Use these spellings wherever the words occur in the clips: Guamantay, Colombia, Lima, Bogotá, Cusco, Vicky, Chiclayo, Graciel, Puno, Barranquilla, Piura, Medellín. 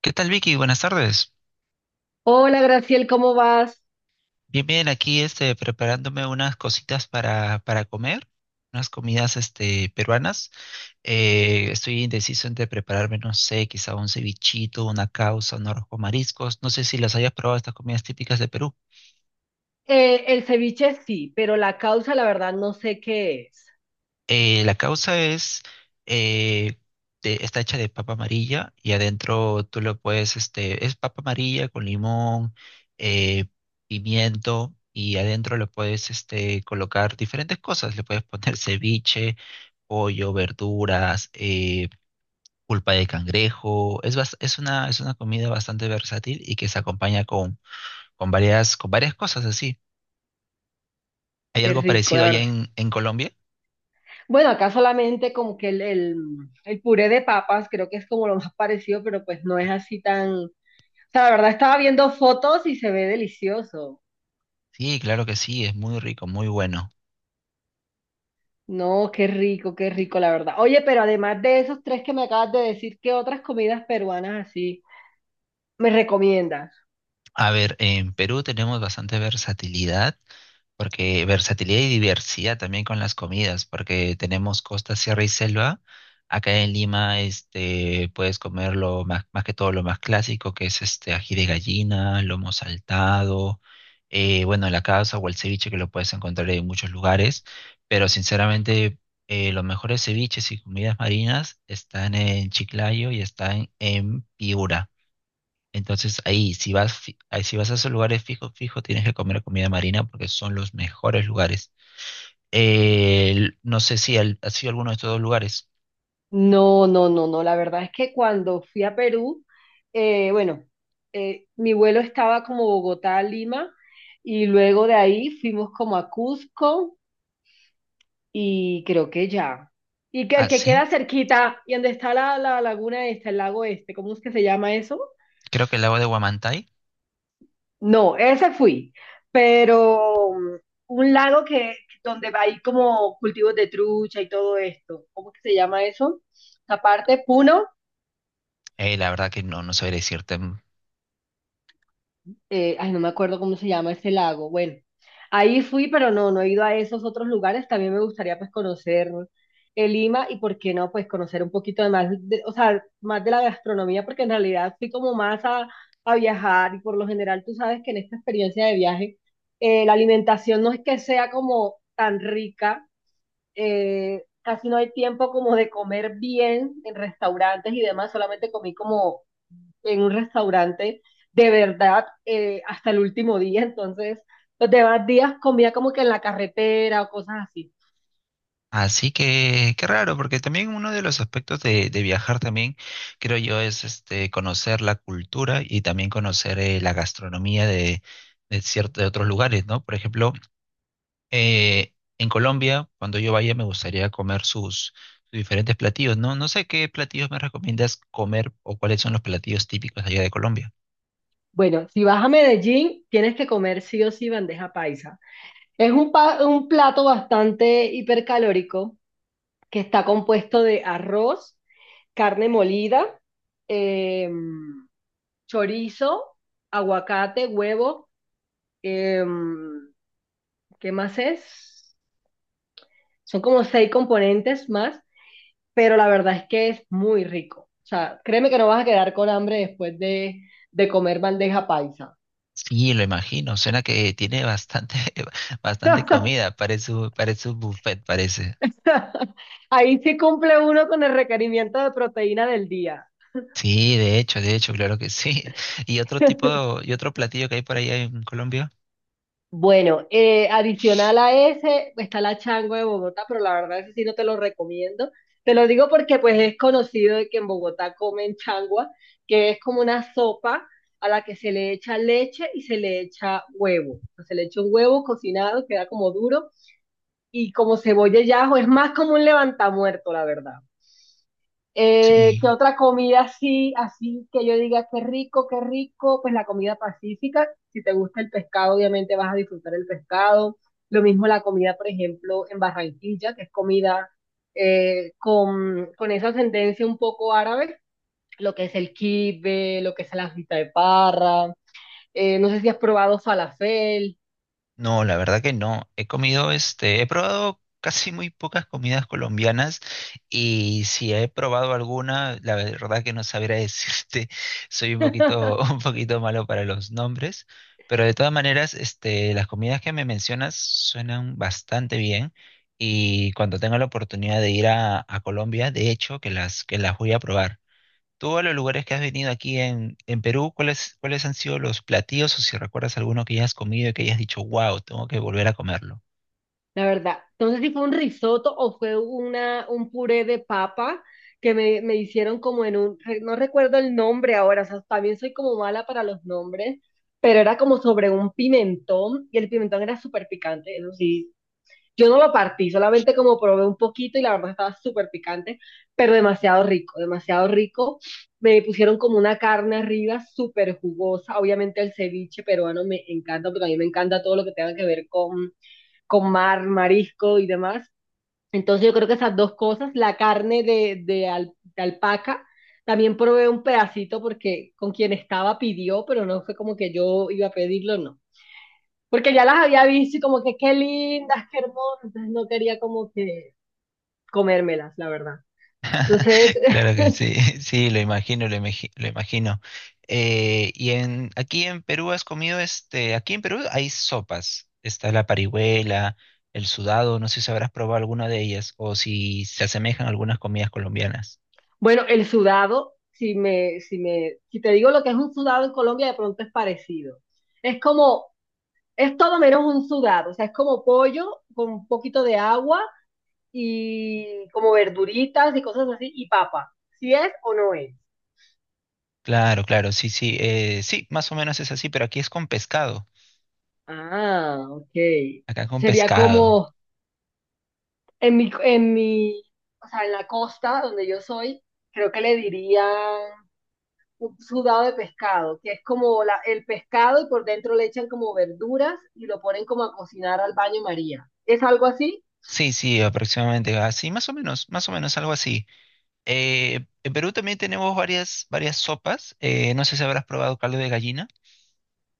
¿Qué tal, Vicky? Buenas tardes. Hola, Graciel, ¿cómo vas? Bien, bien, aquí preparándome unas cositas para comer, unas comidas peruanas. Estoy indeciso entre prepararme, no sé, quizá un cevichito, una causa, un arroz con mariscos. No sé si las hayas probado estas comidas típicas de Perú. El ceviche sí, pero la causa, la verdad, no sé qué es. La causa es, eh, está hecha de papa amarilla y adentro tú lo puedes, este, es papa amarilla con limón, eh, pimiento y adentro lo puedes, este, colocar diferentes cosas. Le puedes poner ceviche, pollo, verduras, pulpa de cangrejo. Es una comida bastante versátil y que se acompaña con varias cosas así. ¿Hay Qué algo rico, parecido la allá verdad. En Colombia? Bueno, acá solamente como que el puré de papas, creo que es como lo más parecido, pero pues no es así tan... O sea, la verdad, estaba viendo fotos y se ve delicioso. Sí, claro que sí, es muy rico, muy bueno. No, qué rico, la verdad. Oye, pero además de esos tres que me acabas de decir, ¿qué otras comidas peruanas así me recomiendas? A ver, en Perú tenemos bastante versatilidad, porque versatilidad y diversidad también con las comidas, porque tenemos costa, sierra y selva. Acá en Lima, este, puedes comer lo más, más que todo lo más clásico, que es este ají de gallina, lomo saltado, bueno, la causa o el ceviche que lo puedes encontrar en muchos lugares, pero sinceramente los mejores ceviches y comidas marinas están en Chiclayo y están en Piura. Entonces ahí, ahí, si vas a esos lugares fijos, fijo, tienes que comer comida marina porque son los mejores lugares. No sé si has sido alguno de estos dos lugares. No, no, no, no. La verdad es que cuando fui a Perú, bueno, mi vuelo estaba como Bogotá a Lima y luego de ahí fuimos como a Cusco y creo que ya. Y que Ah, el que sí, queda cerquita y donde está la laguna esta, el lago este, ¿cómo es que se llama eso? creo que el lago de Guamantay. No, ese fui, pero un lago que donde hay como cultivos de trucha y todo esto. ¿Cómo que se llama eso? Aparte, Puno. La verdad que no, no sabría decirte. Ay, no me acuerdo cómo se llama ese lago. Bueno, ahí fui, pero no, no he ido a esos otros lugares. También me gustaría pues conocer Lima y por qué no, pues conocer un poquito de más, o sea, más de la gastronomía, porque en realidad fui como más a viajar y por lo general tú sabes que en esta experiencia de viaje la alimentación no es que sea como tan rica. Casi no hay tiempo como de comer bien en restaurantes y demás, solamente comí como en un restaurante de verdad hasta el último día, entonces los demás días comía como que en la carretera o cosas así. Así que, qué raro, porque también uno de los aspectos de viajar también, creo yo, es este, conocer la cultura y también conocer la gastronomía de ciertos de otros lugares, ¿no? Por ejemplo, en Colombia, cuando yo vaya, me gustaría comer sus, sus diferentes platillos, ¿no? No sé qué platillos me recomiendas comer o cuáles son los platillos típicos allá de Colombia. Bueno, si vas a Medellín, tienes que comer sí o sí bandeja paisa. Es un plato bastante hipercalórico que está compuesto de arroz, carne molida, em, chorizo, aguacate, huevo, em, ¿qué más es? Son como 6 componentes más, pero la verdad es que es muy rico. O sea, créeme que no vas a quedar con hambre después de comer bandeja paisa. Sí, lo imagino. Suena que tiene bastante, bastante comida. Parece, parece un buffet, parece. Ahí sí cumple uno con el requerimiento de proteína del día. Sí, de hecho, claro que sí. ¿Y otro tipo, y otro platillo que hay por allá en Colombia? Bueno, adicional a ese está la chango de Bogotá, pero la verdad ese sí no te lo recomiendo. Te lo digo porque pues es conocido de que en Bogotá comen changua, que es como una sopa a la que se le echa leche y se le echa huevo. Se le echa un huevo cocinado, queda como duro y como cebolla y ajo, es más como un levantamuerto, la verdad. ¿Qué Sí. otra comida así, así que yo diga qué rico, qué rico? Pues la comida pacífica, si te gusta el pescado, obviamente vas a disfrutar el pescado. Lo mismo la comida, por ejemplo, en Barranquilla, que es comida con esa ascendencia un poco árabe, lo que es el kibbe, lo que es la fita de parra. No sé si has probado falafel. No, la verdad que no. He comido, este, he probado casi muy pocas comidas colombianas y si he probado alguna, la verdad que no sabría decirte. Soy un poquito, un poquito malo para los nombres, pero de todas maneras, este, las comidas que me mencionas suenan bastante bien y cuando tenga la oportunidad de ir a Colombia, de hecho, que las voy a probar. Tú a los lugares que has venido aquí en Perú, ¿cuáles, cuáles han sido los platillos o si recuerdas alguno que hayas comido y que hayas dicho, wow, tengo que volver a comerlo? La verdad, no sé si fue un risotto o fue un puré de papa que me hicieron como en un, no recuerdo el nombre ahora, o sea, también soy como mala para los nombres, pero era como sobre un pimentón y el pimentón era súper picante, eso sí, yo no lo partí, solamente como probé un poquito y la verdad estaba súper picante, pero demasiado rico, demasiado rico. Me pusieron como una carne arriba súper jugosa, obviamente el ceviche peruano me encanta, porque a mí me encanta todo lo que tenga que ver con mar, marisco y demás. Entonces yo creo que esas dos cosas, la carne de alpaca, también probé un pedacito porque con quien estaba pidió, pero no fue como que yo iba a pedirlo, no. Porque ya las había visto y como que qué lindas, qué hermosas, entonces no quería como que comérmelas, la verdad. Entonces, Claro que sí, sí, lo imagino, lo imagino. Aquí en Perú has comido, este, aquí en Perú hay sopas. Está la parihuela, el sudado, no sé si habrás probado alguna de ellas o si se asemejan a algunas comidas colombianas. bueno, el sudado, si te digo lo que es un sudado en Colombia, de pronto es parecido. Es como, es todo menos un sudado, o sea, es como pollo con un poquito de agua y como verduritas y cosas así, y papa. ¿Si es o no es? Claro, claro, sí, sí, sí, más o menos es así, pero aquí es con pescado. Ah, ok. Acá con Sería pescado. como en mi, en mi, o sea, en la costa donde yo soy, creo que le dirían un sudado de pescado, que es como el pescado y por dentro le echan como verduras y lo ponen como a cocinar al baño María. ¿Es algo así? Sí, sí, aproximadamente así, más o menos algo así. En Perú también tenemos varias, varias sopas. No sé si habrás probado caldo de gallina.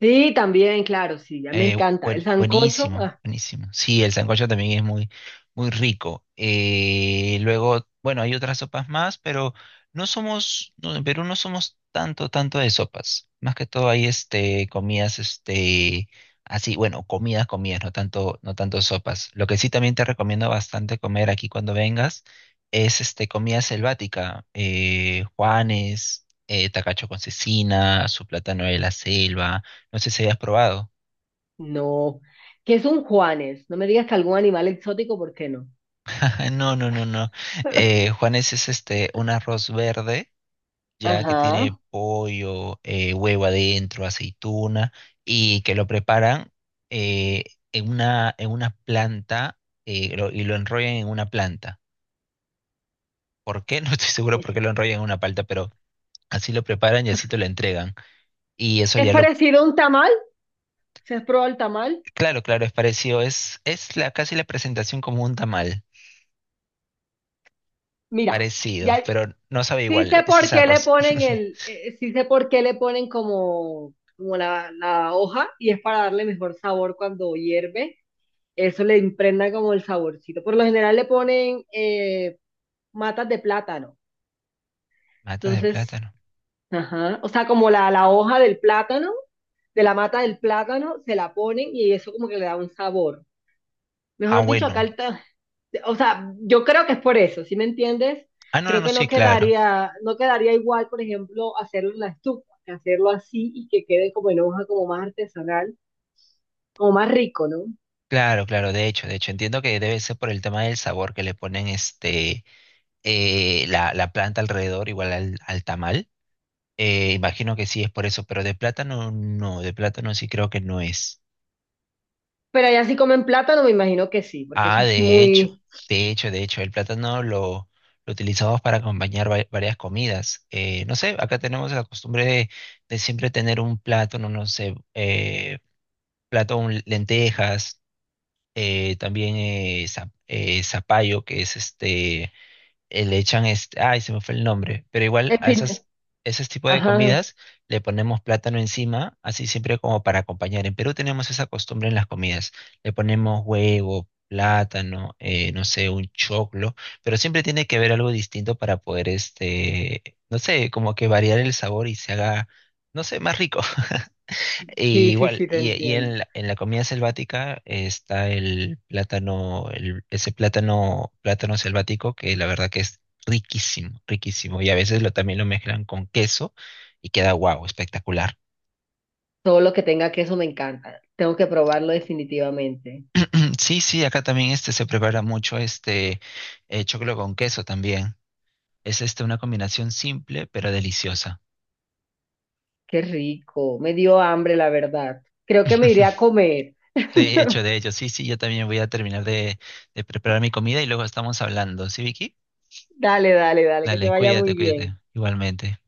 Sí, también, claro, sí, ya me encanta. El sancocho, Buenísimo, ah, buenísimo. Sí, el sancocho también es muy, muy rico. Luego, bueno, hay otras sopas más, pero no somos, no, en Perú no somos tanto, tanto de sopas. Más que todo hay este, comidas, este, así, bueno, comidas, comidas, no tanto, no tanto sopas. Lo que sí también te recomiendo bastante comer aquí cuando vengas es este, comida selvática, Juanes, tacacho con cecina, su plátano de la selva. No sé si hayas probado. no. ¿Qué es un Juanes? No me digas que algún animal exótico, ¿por qué no? Ah, no, no, no, no. Juanes es este un arroz verde, ya que Ajá. tiene pollo, huevo adentro, aceituna, y que lo preparan eh, en una planta y lo enrollan en una planta. ¿Por qué? No estoy seguro por qué lo enrollan en una planta, pero así lo preparan y así te lo entregan. Y eso Es ya lo, parecido a un tamal. ¿Se has probado el tamal? claro, claro, es parecido, es la, casi la presentación como un tamal, Mira, parecido, ya pero no sabe sí igual, sé ese por es qué le arroz. ponen el, sí sé por qué le ponen como, como la hoja y es para darle mejor sabor cuando hierve. Eso le impregna como el saborcito. Por lo general le ponen matas de plátano. Mata de Entonces, plátano. ajá, o sea, como la hoja del plátano, de la mata del plátano, se la ponen y eso como que le da un sabor. Ah, Mejor dicho, acá bueno. el, o sea, yo creo que es por eso, ¿sí me entiendes? Ah, no, no, Creo no, que sí, no claro. quedaría, no quedaría igual, por ejemplo, hacerlo en la estufa, que hacerlo así y que quede como en hoja, como más artesanal, como más rico, ¿no? Claro, claro, de hecho, entiendo que debe ser por el tema del sabor que le ponen este la planta alrededor, igual al, al tamal. Imagino que sí es por eso, pero de plátano no, de plátano sí creo que no es. Pero allá sí comen plátano, me imagino que sí, porque eso Ah, es de hecho, muy... de hecho, de hecho, el plátano lo utilizamos para acompañar varias comidas. No sé, acá tenemos la costumbre de siempre tener un plátano, no sé, plato con lentejas también zapallo, que es este, le echan este, ay, se me fue el nombre, pero igual a espin- esas, esos tipos de Ajá, comidas le ponemos plátano encima, así siempre como para acompañar. En Perú tenemos esa costumbre en las comidas, le ponemos huevo, plátano, no sé, un choclo, pero siempre tiene que haber algo distinto para poder, este, no sé, como que variar el sabor y se haga, no sé, más rico. Y sí, sí, igual, sí, te y entiendo. En la comida selvática está el plátano, ese plátano, plátano selvático que la verdad que es riquísimo, riquísimo. Y a veces lo, también lo mezclan con queso y queda guau, espectacular. Todo lo que tenga queso me encanta. Tengo que probarlo definitivamente. Sí, sí, acá también este se prepara mucho este choclo con queso también. Es este una combinación simple pero deliciosa. Qué rico. Me dio hambre, la verdad. Creo que me iré a comer. De hecho, sí, sí, yo también voy a terminar de preparar mi comida y luego estamos hablando. ¿Sí, Vicky? Dale, dale, dale, que te Dale, vaya muy cuídate, cuídate. bien. Igualmente.